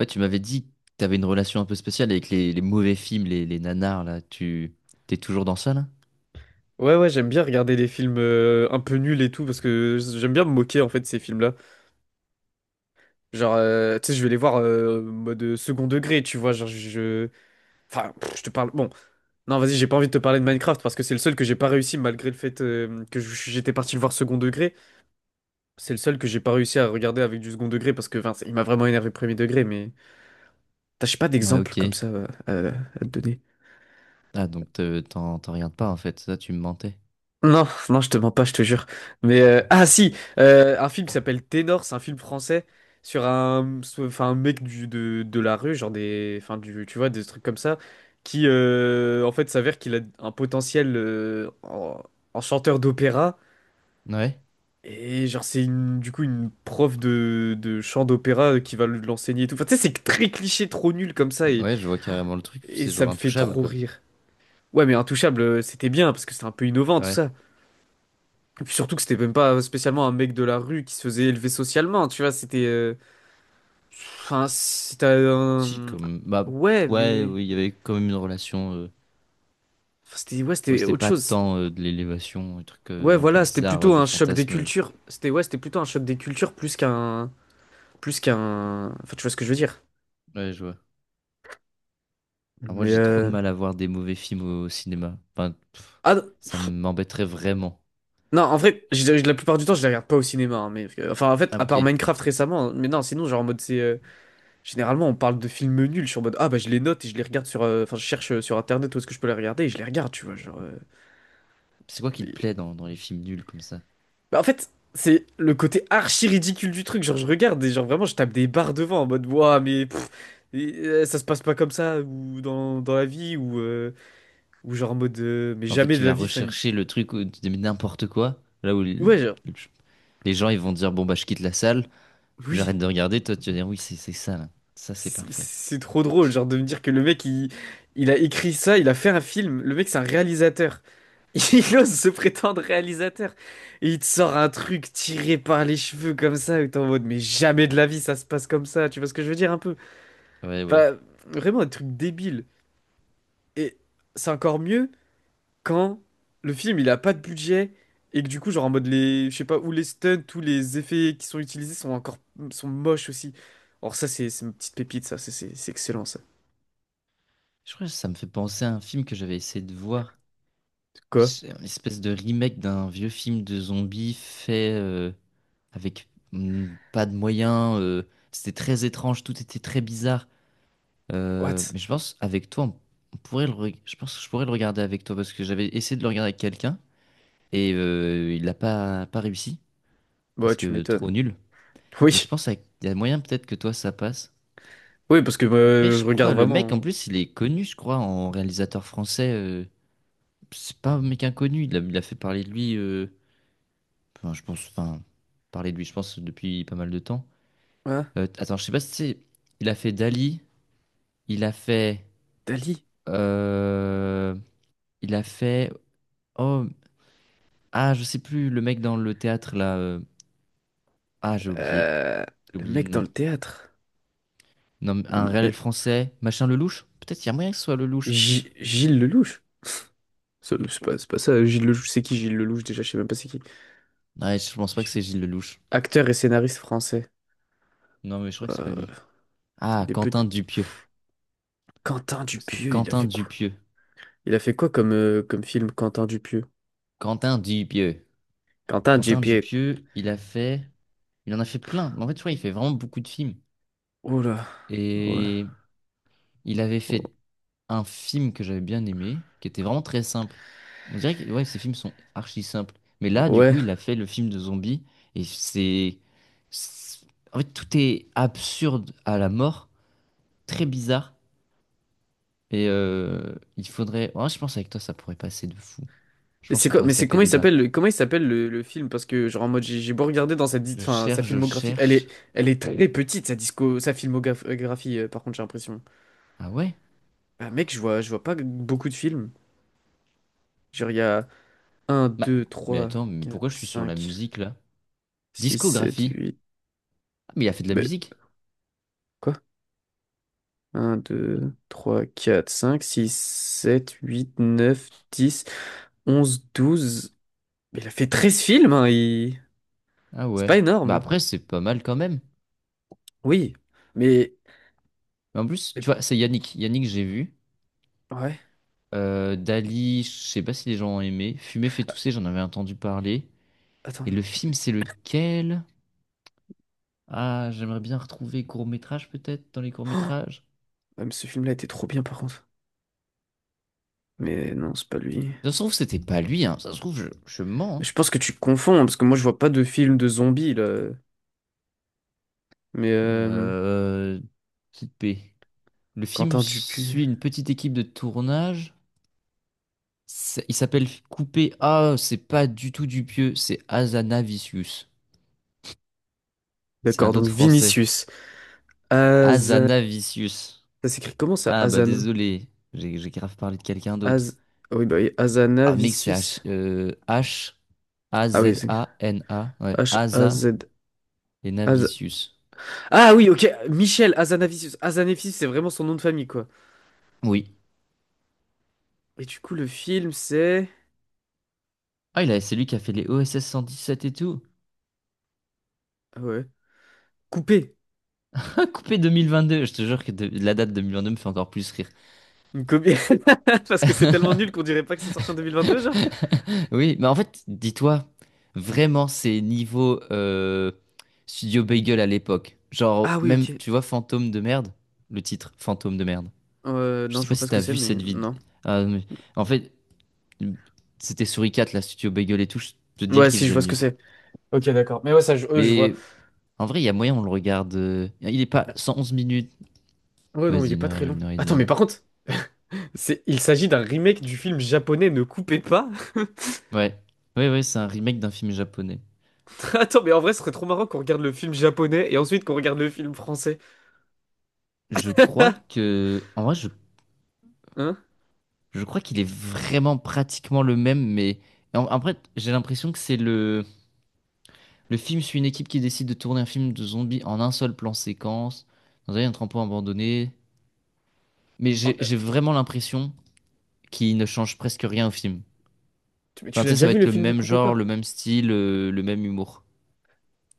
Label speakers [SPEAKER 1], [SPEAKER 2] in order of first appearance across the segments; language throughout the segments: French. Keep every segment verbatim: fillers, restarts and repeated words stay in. [SPEAKER 1] Ouais, tu m'avais dit que tu avais une relation un peu spéciale avec les, les mauvais films, les, les nanars, là. Tu t'es toujours dans ça, là?
[SPEAKER 2] Ouais, ouais, j'aime bien regarder les films euh, un peu nuls et tout, parce que j'aime bien me moquer en fait de ces films-là. Genre, euh, tu sais, je vais les voir euh, mode euh, second degré, tu vois. Genre, je. Enfin, pff, je te parle. Bon, non, vas-y, j'ai pas envie de te parler de Minecraft parce que c'est le seul que j'ai pas réussi malgré le fait euh, que je- j'étais parti le voir second degré. C'est le seul que j'ai pas réussi à regarder avec du second degré parce que, enfin, il m'a vraiment énervé premier degré, mais. T'as, j'ai pas
[SPEAKER 1] Ouais,
[SPEAKER 2] d'exemple
[SPEAKER 1] ok.
[SPEAKER 2] comme ça euh, à à te donner.
[SPEAKER 1] Ah, donc te- t'en t'en regardes pas, en fait. Ça, tu me mentais.
[SPEAKER 2] Non, non, je te mens pas, je te jure. Mais euh, ah si, euh, un film qui s'appelle Ténor, c'est un film français sur un, sur- enfin un mec du de, de la rue, genre des, enfin du, tu vois, des trucs comme ça, qui euh, en fait s'avère qu'il a un potentiel euh, en, en chanteur d'opéra
[SPEAKER 1] Ouais.
[SPEAKER 2] et genre c'est une, du coup une prof de, de chant d'opéra euh, qui va le- l'enseigner et tout. Enfin tu sais, c'est très cliché, trop nul comme ça et
[SPEAKER 1] Ouais, je vois carrément le truc.
[SPEAKER 2] et
[SPEAKER 1] C'est
[SPEAKER 2] ça
[SPEAKER 1] genre
[SPEAKER 2] me fait
[SPEAKER 1] intouchable,
[SPEAKER 2] trop
[SPEAKER 1] quoi.
[SPEAKER 2] rire. Ouais, mais Intouchable, euh, c'était bien parce que c'était un peu innovant tout
[SPEAKER 1] Ouais.
[SPEAKER 2] ça. Et puis surtout que c'était même pas spécialement un mec de la rue qui se faisait élever socialement, tu vois, c'était, euh, enfin, c'était
[SPEAKER 1] Si,
[SPEAKER 2] un.
[SPEAKER 1] comme. Bah,
[SPEAKER 2] Ouais,
[SPEAKER 1] ouais,
[SPEAKER 2] mais,
[SPEAKER 1] oui, il y avait quand même une relation. euh,
[SPEAKER 2] enfin, c'était, ouais,
[SPEAKER 1] Ouais,
[SPEAKER 2] c'était
[SPEAKER 1] c'était
[SPEAKER 2] autre
[SPEAKER 1] pas
[SPEAKER 2] chose.
[SPEAKER 1] tant euh, de l'élévation, un truc
[SPEAKER 2] Ouais,
[SPEAKER 1] euh, un peu
[SPEAKER 2] voilà, c'était
[SPEAKER 1] bizarre euh,
[SPEAKER 2] plutôt
[SPEAKER 1] de
[SPEAKER 2] un choc des
[SPEAKER 1] fantasme. euh,
[SPEAKER 2] cultures. C'était, ouais, c'était plutôt un choc des cultures plus qu'un. Plus qu'un. Enfin, tu vois ce que je veux dire.
[SPEAKER 1] Ouais, je vois. Alors moi,
[SPEAKER 2] Mais,
[SPEAKER 1] j'ai trop de
[SPEAKER 2] euh,
[SPEAKER 1] mal à voir des mauvais films au cinéma. Enfin, pff,
[SPEAKER 2] ah, non,
[SPEAKER 1] ça
[SPEAKER 2] pff,
[SPEAKER 1] m'embêterait vraiment.
[SPEAKER 2] non, en vrai, je- je- la plupart du temps, je les regarde pas au cinéma, hein, mais, euh, enfin, en fait,
[SPEAKER 1] Ah,
[SPEAKER 2] à part
[SPEAKER 1] ok.
[SPEAKER 2] Minecraft récemment, mais non, sinon, genre en mode c'est, euh, généralement, on parle de films nuls, je suis en mode, ah bah je les note et je les regarde sur, euh, enfin, je cherche euh, sur Internet où est-ce que je peux les regarder et je les regarde, tu vois, genre, euh,
[SPEAKER 1] C'est quoi qui te
[SPEAKER 2] mais-
[SPEAKER 1] plaît dans, dans les films nuls comme ça?
[SPEAKER 2] bah, en fait, c'est le côté archi ridicule du truc, genre je regarde et genre vraiment je tape des barres devant en mode, ouah, mais, pff, et, euh, ça se passe pas comme ça ou dans, dans la vie ou, euh, ou genre en mode, euh, mais
[SPEAKER 1] En fait,
[SPEAKER 2] jamais
[SPEAKER 1] tu
[SPEAKER 2] de la
[SPEAKER 1] vas
[SPEAKER 2] vie, enfin.
[SPEAKER 1] rechercher le truc où tu dis mais n'importe quoi, là où les,
[SPEAKER 2] Ouais, genre,
[SPEAKER 1] les gens ils vont dire bon bah je quitte la salle ou
[SPEAKER 2] oui,
[SPEAKER 1] j'arrête de regarder, toi tu vas dire oui c'est c'est ça là, ça c'est
[SPEAKER 2] c'est
[SPEAKER 1] parfait.
[SPEAKER 2] c'est trop drôle, genre de me dire que le mec, il, il a écrit ça, il a fait un film, le mec c'est un réalisateur. Il ose se prétendre réalisateur. Et il te sort un truc tiré par les cheveux comme ça, et t'es en mode, mais jamais de la vie ça se passe comme ça, tu vois ce que je veux dire un peu?
[SPEAKER 1] Ouais ouais.
[SPEAKER 2] Enfin, vraiment un truc débile. Et c'est encore mieux quand le film il a pas de budget, et que du coup, genre en mode les, je sais pas, ou les stunts, tous les effets qui sont utilisés sont encore, sont moches aussi. Or ça, c'est c'est une petite pépite, ça, c'est c'est- c'est excellent ça.
[SPEAKER 1] Je crois que ça me fait penser à un film que j'avais essayé de voir.
[SPEAKER 2] Quoi?
[SPEAKER 1] C'est une espèce de remake d'un vieux film de zombies fait euh, avec mm, pas de moyens. Euh, c'était très étrange, tout était très bizarre. Euh,
[SPEAKER 2] What?
[SPEAKER 1] mais je pense avec toi, on, on pourrait le, reg- je pense que je pourrais le regarder avec toi parce que j'avais essayé de le regarder avec quelqu'un et euh, il n'a pas, pas réussi
[SPEAKER 2] Bah, ouais,
[SPEAKER 1] parce
[SPEAKER 2] tu
[SPEAKER 1] que
[SPEAKER 2] m'étonnes.
[SPEAKER 1] trop nul. Mais je
[SPEAKER 2] Oui,
[SPEAKER 1] pense avec- il y a moyen peut-être que toi ça passe.
[SPEAKER 2] oui, parce que
[SPEAKER 1] Après,
[SPEAKER 2] euh,
[SPEAKER 1] je
[SPEAKER 2] je
[SPEAKER 1] crois,
[SPEAKER 2] regarde
[SPEAKER 1] le mec en
[SPEAKER 2] vraiment.
[SPEAKER 1] plus, il est connu, je crois, en réalisateur français. Euh, c'est pas un mec inconnu, il a, il a fait parler de lui. euh, Enfin, je pense, enfin, parler de lui, je pense, depuis pas mal de temps.
[SPEAKER 2] Hein. Hein.
[SPEAKER 1] Euh, attends, je sais pas si c'est. Il a fait Dali, il a fait.
[SPEAKER 2] Dali.
[SPEAKER 1] euh, il a fait. Oh, ah, je sais plus, le mec dans le théâtre là. euh, Ah, j'ai oublié.
[SPEAKER 2] Euh,
[SPEAKER 1] J'ai
[SPEAKER 2] le
[SPEAKER 1] oublié le
[SPEAKER 2] mec dans
[SPEAKER 1] nom.
[SPEAKER 2] le théâtre.
[SPEAKER 1] Non, mais un
[SPEAKER 2] Le- euh,
[SPEAKER 1] réel français, machin Lelouch? Peut-être qu'il y a moyen que ce soit Lelouch.
[SPEAKER 2] Gi- Gilles Lelouch. C'est c'est pas, c'est pas ça, Gilles Lelouch. C'est qui Gilles Lelouch déjà? Je sais même pas c'est qui.
[SPEAKER 1] Ouais, je pense pas que
[SPEAKER 2] Gi-
[SPEAKER 1] c'est Gilles Lelouch.
[SPEAKER 2] Acteur et scénariste français.
[SPEAKER 1] Non, mais je crois que c'est pas
[SPEAKER 2] Euh,
[SPEAKER 1] lui. Ah,
[SPEAKER 2] des peu...
[SPEAKER 1] Quentin Dupieux.
[SPEAKER 2] Quentin
[SPEAKER 1] C'est
[SPEAKER 2] Dupieux, il a
[SPEAKER 1] Quentin
[SPEAKER 2] fait quoi?
[SPEAKER 1] Dupieux.
[SPEAKER 2] Il a fait quoi comme, euh, comme film Quentin Dupieux?
[SPEAKER 1] Quentin Dupieux.
[SPEAKER 2] Quentin
[SPEAKER 1] Quentin
[SPEAKER 2] Dupieux.
[SPEAKER 1] Dupieux, il a fait. Il en a fait plein. Mais en fait, tu vois, il fait vraiment beaucoup de films.
[SPEAKER 2] Oh là. Ouais.
[SPEAKER 1] Et il avait
[SPEAKER 2] Oh.
[SPEAKER 1] fait un film que j'avais bien aimé, qui était vraiment très simple. On dirait que ouais, ces films sont archi simples. Mais là, du
[SPEAKER 2] Ouais.
[SPEAKER 1] coup, il a fait le film de zombie. Et c'est... c'est- en fait, tout est absurde à la mort, très bizarre. Et euh, il faudrait. Ouais, je pense avec toi, ça pourrait passer de fou. Je
[SPEAKER 2] Mais
[SPEAKER 1] pense
[SPEAKER 2] c'est
[SPEAKER 1] qu'on
[SPEAKER 2] quoi?
[SPEAKER 1] pourrait
[SPEAKER 2] Mais
[SPEAKER 1] se
[SPEAKER 2] c'est
[SPEAKER 1] taper
[SPEAKER 2] comment il
[SPEAKER 1] des
[SPEAKER 2] s'appelle
[SPEAKER 1] barres.
[SPEAKER 2] le, comment il s'appelle le, le film? Parce que genre en mode j'ai j'ai beau regarder dans sa dis-
[SPEAKER 1] Je
[SPEAKER 2] enfin, sa
[SPEAKER 1] cherche, je
[SPEAKER 2] filmographie, elle est
[SPEAKER 1] cherche.
[SPEAKER 2] elle est très petite sa disco sa filmographie euh, par contre j'ai l'impression.
[SPEAKER 1] Ah ouais?
[SPEAKER 2] Bah, mec, je vois, je vois pas beaucoup de films. Genre, il y a un,
[SPEAKER 1] Bah,
[SPEAKER 2] deux,
[SPEAKER 1] mais
[SPEAKER 2] trois,
[SPEAKER 1] attends, mais
[SPEAKER 2] quatre,
[SPEAKER 1] pourquoi je suis sur la
[SPEAKER 2] cinq,
[SPEAKER 1] musique là?
[SPEAKER 2] six, sept,
[SPEAKER 1] Discographie.
[SPEAKER 2] huit.
[SPEAKER 1] Ah, mais il a fait de la
[SPEAKER 2] Mais
[SPEAKER 1] musique.
[SPEAKER 2] quoi? Un, deux, trois, quatre, cinq, six, sept, huit, neuf, dix, onze, douze. Mais il a fait treize films, hein, il-
[SPEAKER 1] Ah
[SPEAKER 2] c'est
[SPEAKER 1] ouais.
[SPEAKER 2] pas
[SPEAKER 1] Bah
[SPEAKER 2] énorme.
[SPEAKER 1] après, c'est pas mal quand même.
[SPEAKER 2] Oui, mais,
[SPEAKER 1] Mais en plus, tu
[SPEAKER 2] mais-
[SPEAKER 1] vois, c'est Yannick. Yannick, j'ai vu.
[SPEAKER 2] ouais,
[SPEAKER 1] Euh, Dali, je sais pas si les gens ont aimé. Fumer fait tousser, j'en avais entendu parler. Et
[SPEAKER 2] attends.
[SPEAKER 1] le film, c'est lequel? Ah, j'aimerais bien retrouver court-métrage peut-être dans les courts-métrages.
[SPEAKER 2] Ouais, mais ce film-là était trop bien, par contre. Mais non, c'est pas lui.
[SPEAKER 1] Ça se trouve, c'était pas lui, hein. Ça se trouve, je, je mens.
[SPEAKER 2] Mais
[SPEAKER 1] Hein.
[SPEAKER 2] je pense que tu confonds, hein, parce que moi, je vois pas de film de zombies, là. Mais euh,
[SPEAKER 1] Euh, Petite paix. Le film
[SPEAKER 2] Quentin
[SPEAKER 1] suit
[SPEAKER 2] Dupieux.
[SPEAKER 1] une petite équipe de tournage. C'est- Il s'appelle Coupé. Ah, c'est pas du tout Dupieux, c'est Azanavicius. C'est
[SPEAKER 2] D'accord,
[SPEAKER 1] un
[SPEAKER 2] donc
[SPEAKER 1] autre français.
[SPEAKER 2] Vinicius. Aza.
[SPEAKER 1] Azanavicius.
[SPEAKER 2] Ça s'écrit comment ça?
[SPEAKER 1] Ah bah
[SPEAKER 2] Azana.
[SPEAKER 1] désolé, j'ai j'ai grave parlé de quelqu'un d'autre.
[SPEAKER 2] Az. Ah oui, bah oui, Azana
[SPEAKER 1] Ah mec, c'est
[SPEAKER 2] Vicius.
[SPEAKER 1] H, euh, H A
[SPEAKER 2] Ah oui,
[SPEAKER 1] Z
[SPEAKER 2] c'est
[SPEAKER 1] A N A, ouais, Asa
[SPEAKER 2] H-A-Z.
[SPEAKER 1] et
[SPEAKER 2] Az-
[SPEAKER 1] Navicius.
[SPEAKER 2] Ah oui, ok, Michel Azanavicius. Azanavicius, c'est vraiment son nom de famille, quoi.
[SPEAKER 1] Oui.
[SPEAKER 2] Et du coup, le film, c'est.
[SPEAKER 1] Ah il a, c'est lui qui a fait les O S S cent dix-sept et tout.
[SPEAKER 2] Ah ouais. Coupé.
[SPEAKER 1] Coupé deux mille vingt-deux, je te jure que de- la date deux mille vingt-deux me fait encore plus rire.
[SPEAKER 2] Une copie. Parce que c'est tellement nul qu'on dirait pas que c'est sorti en deux mille vingt-deux, genre.
[SPEAKER 1] Oui, mais en fait, dis-toi, vraiment, c'est niveau euh, Studio Bagel à l'époque. Genre,
[SPEAKER 2] Ah oui,
[SPEAKER 1] même,
[SPEAKER 2] ok.
[SPEAKER 1] tu vois, Fantôme de merde, le titre, Fantôme de merde.
[SPEAKER 2] Euh,
[SPEAKER 1] Je
[SPEAKER 2] non,
[SPEAKER 1] sais
[SPEAKER 2] je
[SPEAKER 1] pas
[SPEAKER 2] vois pas
[SPEAKER 1] si
[SPEAKER 2] ce que
[SPEAKER 1] t'as
[SPEAKER 2] c'est,
[SPEAKER 1] vu
[SPEAKER 2] mais
[SPEAKER 1] cette vidéo.
[SPEAKER 2] non.
[SPEAKER 1] En fait, c'était Souricat, la Studio Bagel et tout. Je peux te dire
[SPEAKER 2] Ouais,
[SPEAKER 1] qu'il
[SPEAKER 2] si, je
[SPEAKER 1] faisait
[SPEAKER 2] vois ce que
[SPEAKER 1] mieux.
[SPEAKER 2] c'est. Ok, d'accord. Mais ouais, ça, je, euh, je vois.
[SPEAKER 1] Mais en vrai, il y a moyen, on le regarde. euh, Il est pas cent onze minutes.
[SPEAKER 2] Ouais, non, il
[SPEAKER 1] Vas-y,
[SPEAKER 2] est
[SPEAKER 1] une
[SPEAKER 2] pas très
[SPEAKER 1] heure,
[SPEAKER 2] long.
[SPEAKER 1] une heure et
[SPEAKER 2] Attends, mais
[SPEAKER 1] demie.
[SPEAKER 2] par contre, C'est- il s'agit d'un remake du film japonais Ne coupez pas.
[SPEAKER 1] Ouais. Ouais, ouais, c'est un remake d'un film japonais.
[SPEAKER 2] Attends, mais en vrai, ce serait trop marrant qu'on regarde le film japonais et ensuite qu'on regarde le film français.
[SPEAKER 1] Je crois que. En vrai, je,
[SPEAKER 2] Hein?
[SPEAKER 1] je crois qu'il est vraiment pratiquement le même, mais. en- Après, j'ai l'impression que c'est le. Le film suit une équipe qui décide de tourner un film de zombies en un seul plan séquence, dans un entrepôt abandonné. Mais
[SPEAKER 2] Oh,
[SPEAKER 1] j'ai
[SPEAKER 2] euh,
[SPEAKER 1] j'ai vraiment l'impression qui ne change presque rien au film.
[SPEAKER 2] tu mais tu
[SPEAKER 1] Enfin, tu
[SPEAKER 2] l'as
[SPEAKER 1] sais,
[SPEAKER 2] déjà
[SPEAKER 1] ça va
[SPEAKER 2] vu
[SPEAKER 1] être
[SPEAKER 2] le
[SPEAKER 1] le
[SPEAKER 2] film Ne
[SPEAKER 1] même
[SPEAKER 2] coupez
[SPEAKER 1] genre,
[SPEAKER 2] pas?
[SPEAKER 1] le même style, euh, le même humour.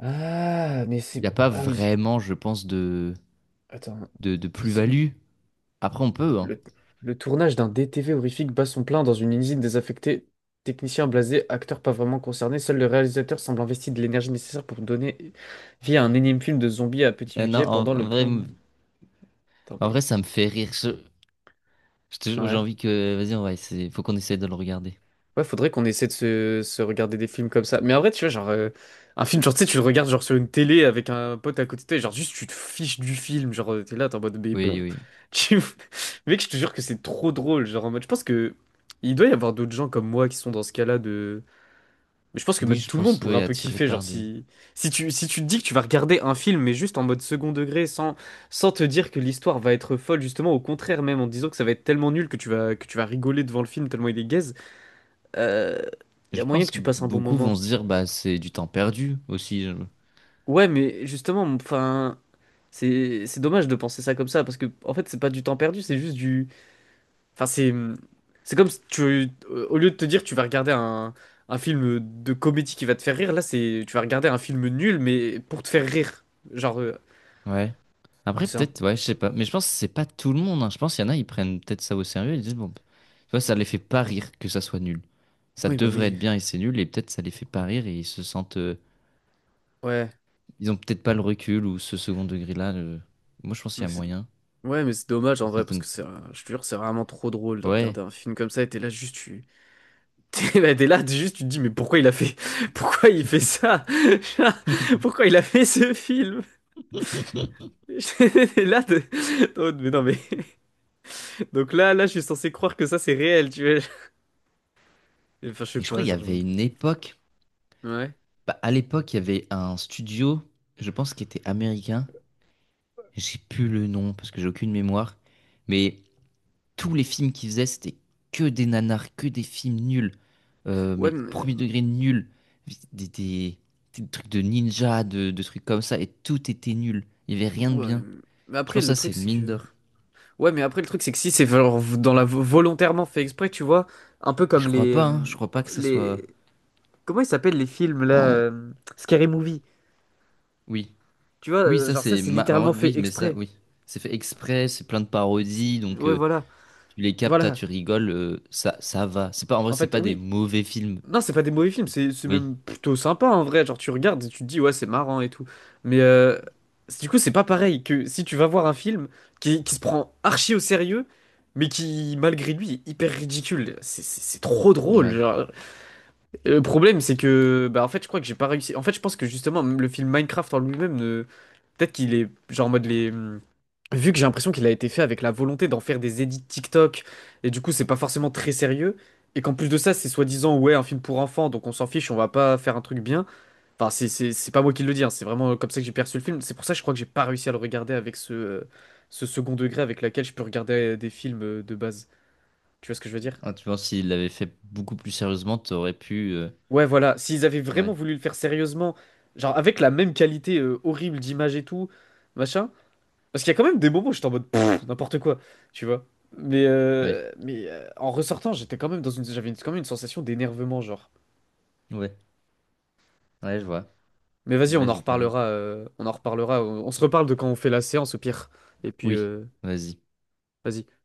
[SPEAKER 2] Ah, mais
[SPEAKER 1] Il
[SPEAKER 2] c'est.
[SPEAKER 1] n'y a pas
[SPEAKER 2] Ah oui,
[SPEAKER 1] vraiment, je pense, de,
[SPEAKER 2] attends.
[SPEAKER 1] de, de
[SPEAKER 2] C'est
[SPEAKER 1] plus-value. Après, on peut, hein.
[SPEAKER 2] le, le tournage d'un D T V horrifique bat son plein dans une usine désaffectée. Technicien blasé, acteur pas vraiment concerné, seul le réalisateur semble investi de l'énergie nécessaire pour donner vie à un énième film de zombies à petit
[SPEAKER 1] Euh, non,
[SPEAKER 2] budget
[SPEAKER 1] en,
[SPEAKER 2] pendant
[SPEAKER 1] en
[SPEAKER 2] le
[SPEAKER 1] vrai,
[SPEAKER 2] plan.
[SPEAKER 1] m-
[SPEAKER 2] Attends,
[SPEAKER 1] en vrai,
[SPEAKER 2] mais.
[SPEAKER 1] ça me fait rire. Je- je te J'ai
[SPEAKER 2] Ouais.
[SPEAKER 1] envie que. Vas-y, on va essayer. Faut qu'on essaye de le regarder.
[SPEAKER 2] Ouais, faudrait qu'on essaie de se, se regarder des films comme ça. Mais en vrai, tu vois, genre, euh, un film, genre, tu sais, tu le regardes, genre, sur une télé avec un pote à côté de toi, et genre, juste, tu te fiches du film, genre, euh, t'es là, t'es en mode, mais, pff,
[SPEAKER 1] Oui, oui.
[SPEAKER 2] tu. Mec, je te jure que c'est trop drôle, genre, en mode, je pense que, il doit y avoir d'autres gens comme moi qui sont dans ce cas-là de. Mais je pense que
[SPEAKER 1] Oui,
[SPEAKER 2] même
[SPEAKER 1] je
[SPEAKER 2] tout le monde
[SPEAKER 1] pense,
[SPEAKER 2] pourrait
[SPEAKER 1] oui,
[SPEAKER 2] un peu
[SPEAKER 1] attiré
[SPEAKER 2] kiffer,
[SPEAKER 1] par
[SPEAKER 2] genre,
[SPEAKER 1] des.
[SPEAKER 2] si, si tu, si tu te dis que tu vas regarder un film, mais juste en mode second degré, sans, sans te dire que l'histoire va être folle, justement, au contraire, même, en te disant que ça va être tellement nul que tu vas, que tu vas rigoler devant le film tellement il est gaze il y a
[SPEAKER 1] Je
[SPEAKER 2] moyen que
[SPEAKER 1] pense
[SPEAKER 2] tu passes un bon
[SPEAKER 1] beaucoup vont
[SPEAKER 2] moment.
[SPEAKER 1] se dire, bah, c'est du temps perdu aussi.
[SPEAKER 2] Ouais, mais justement, enfin, c'est c'est dommage de penser ça comme ça parce que en fait, c'est pas du temps perdu, c'est juste du, enfin, c'est c'est comme si tu, euh, au lieu de te dire tu vas regarder un un film de comédie qui va te faire rire, là, c'est tu vas regarder un film nul mais pour te faire rire. Genre, euh,
[SPEAKER 1] Ouais. Après,
[SPEAKER 2] c'est un,
[SPEAKER 1] peut-être, ouais, je sais pas. Mais je pense que c'est pas tout le monde. Hein. Je pense qu'il y en a, ils prennent peut-être ça au sérieux. Ils disent, bon, tu vois, ça les fait pas rire que ça soit nul. Ça
[SPEAKER 2] oui, bah
[SPEAKER 1] devrait
[SPEAKER 2] oui,
[SPEAKER 1] être bien et c'est nul. Et peut-être ça les fait pas rire et ils se sentent. Euh,
[SPEAKER 2] ouais,
[SPEAKER 1] ils ont peut-être pas le recul ou ce second degré-là. euh. Moi, je pense qu'il
[SPEAKER 2] mais
[SPEAKER 1] y a
[SPEAKER 2] c'est,
[SPEAKER 1] moyen.
[SPEAKER 2] ouais, mais c'est dommage
[SPEAKER 1] Que
[SPEAKER 2] en vrai parce que
[SPEAKER 1] certaines.
[SPEAKER 2] c'est, un- je te jure, c'est vraiment trop drôle de
[SPEAKER 1] Ouais.
[SPEAKER 2] regarder un film comme ça et t'es là juste tu. T'es bah, t'es là, t'es juste, tu te dis, mais pourquoi il a fait, pourquoi il fait ça?
[SPEAKER 1] Mais
[SPEAKER 2] Pourquoi il a fait ce film? T'es là, t'es- oh, mais non, mais. Donc là, là, je suis censé croire que ça, c'est réel, tu vois. Enfin, je sais
[SPEAKER 1] je crois
[SPEAKER 2] pas,
[SPEAKER 1] qu'il y
[SPEAKER 2] genre. je-
[SPEAKER 1] avait une époque.
[SPEAKER 2] Ouais.
[SPEAKER 1] Bah, à l'époque, il y avait un studio, je pense, qui était américain. J'ai plus le nom parce que j'ai aucune mémoire. Mais tous les films qu'il faisait, c'était que des nanars, que des films nuls. Euh,
[SPEAKER 2] Ouais,
[SPEAKER 1] mais
[SPEAKER 2] mais.
[SPEAKER 1] premier degré nul. Des, des- des trucs de ninja, de, de trucs comme ça. Et tout était nul. Il n'y avait rien de
[SPEAKER 2] Ouais.
[SPEAKER 1] bien.
[SPEAKER 2] Mais
[SPEAKER 1] Je
[SPEAKER 2] après,
[SPEAKER 1] pense
[SPEAKER 2] le
[SPEAKER 1] que ça, c'est
[SPEAKER 2] truc,
[SPEAKER 1] une
[SPEAKER 2] c'est que.
[SPEAKER 1] mine d'or.
[SPEAKER 2] Ouais, mais après, le truc, c'est que si c'est genre dans la volontairement fait exprès, tu vois, un peu
[SPEAKER 1] Et
[SPEAKER 2] comme
[SPEAKER 1] je crois
[SPEAKER 2] les,
[SPEAKER 1] pas, hein.
[SPEAKER 2] euh,
[SPEAKER 1] Je crois pas que ça soit.
[SPEAKER 2] les. Comment ils s'appellent les films, là?
[SPEAKER 1] Oh,
[SPEAKER 2] euh, Scary Movie.
[SPEAKER 1] oui.
[SPEAKER 2] Tu vois,
[SPEAKER 1] Oui,
[SPEAKER 2] euh,
[SPEAKER 1] ça,
[SPEAKER 2] genre, ça,
[SPEAKER 1] c'est.
[SPEAKER 2] c'est
[SPEAKER 1] ma- en vrai,
[SPEAKER 2] littéralement
[SPEAKER 1] oui,
[SPEAKER 2] fait
[SPEAKER 1] mais ça,
[SPEAKER 2] exprès.
[SPEAKER 1] oui. C'est fait exprès, c'est plein de
[SPEAKER 2] C'est-
[SPEAKER 1] parodies. Donc,
[SPEAKER 2] Ouais,
[SPEAKER 1] euh,
[SPEAKER 2] voilà.
[SPEAKER 1] tu les captes, ah,
[SPEAKER 2] Voilà,
[SPEAKER 1] tu rigoles. euh, ça, ça va. C'est pas, en vrai,
[SPEAKER 2] en
[SPEAKER 1] c'est
[SPEAKER 2] fait,
[SPEAKER 1] pas des
[SPEAKER 2] oui.
[SPEAKER 1] mauvais films.
[SPEAKER 2] Non, c'est pas des mauvais films, c'est c'est
[SPEAKER 1] Oui.
[SPEAKER 2] même plutôt sympa en vrai. Genre, tu regardes et tu te dis, ouais, c'est marrant et tout. Mais euh, du coup, c'est pas pareil que si tu vas voir un film qui, qui se prend archi au sérieux, mais qui, malgré lui, est hyper ridicule. C'est c'est- c'est trop drôle.
[SPEAKER 1] Ouais.
[SPEAKER 2] Genre. Et le problème, c'est que, bah, en fait, je crois que j'ai pas réussi. En fait, je pense que justement, le film Minecraft en lui-même, ne- peut-être qu'il est genre en mode les, hmm, vu que j'ai l'impression qu'il a été fait avec la volonté d'en faire des edits TikTok, et du coup, c'est pas forcément très sérieux, et qu'en plus de ça, c'est soi-disant, ouais, un film pour enfants, donc on s'en fiche, on va pas faire un truc bien. Enfin, c'est c'est- c'est pas moi qui le dis, hein, c'est vraiment comme ça que j'ai perçu le film. C'est pour ça que je crois que j'ai pas réussi à le regarder avec ce, euh, ce second degré avec laquelle je peux regarder euh, des films euh, de base. Tu vois ce que je veux dire?
[SPEAKER 1] Ah, tu vois, s'il l'avait fait beaucoup plus sérieusement, t'aurais pu. euh,
[SPEAKER 2] Ouais, voilà, s'ils avaient vraiment
[SPEAKER 1] Ouais,
[SPEAKER 2] voulu le faire sérieusement, genre avec la même qualité euh, horrible d'image et tout, machin. Parce qu'il y a quand même des moments où j'étais en mode, pff, n'importe quoi, tu vois. Mais,
[SPEAKER 1] ouais,
[SPEAKER 2] euh, mais euh, en ressortant, j'étais quand même dans une, j'avais une- quand même une sensation d'énervement, genre.
[SPEAKER 1] ouais, ouais, je vois.
[SPEAKER 2] Mais vas-y, on
[SPEAKER 1] Ouais,
[SPEAKER 2] en
[SPEAKER 1] je parie.
[SPEAKER 2] reparlera, euh, on en reparlera, on, on se reparle de quand on fait la séance au pire. Et puis,
[SPEAKER 1] Oui,
[SPEAKER 2] euh,
[SPEAKER 1] vas-y.
[SPEAKER 2] vas-y.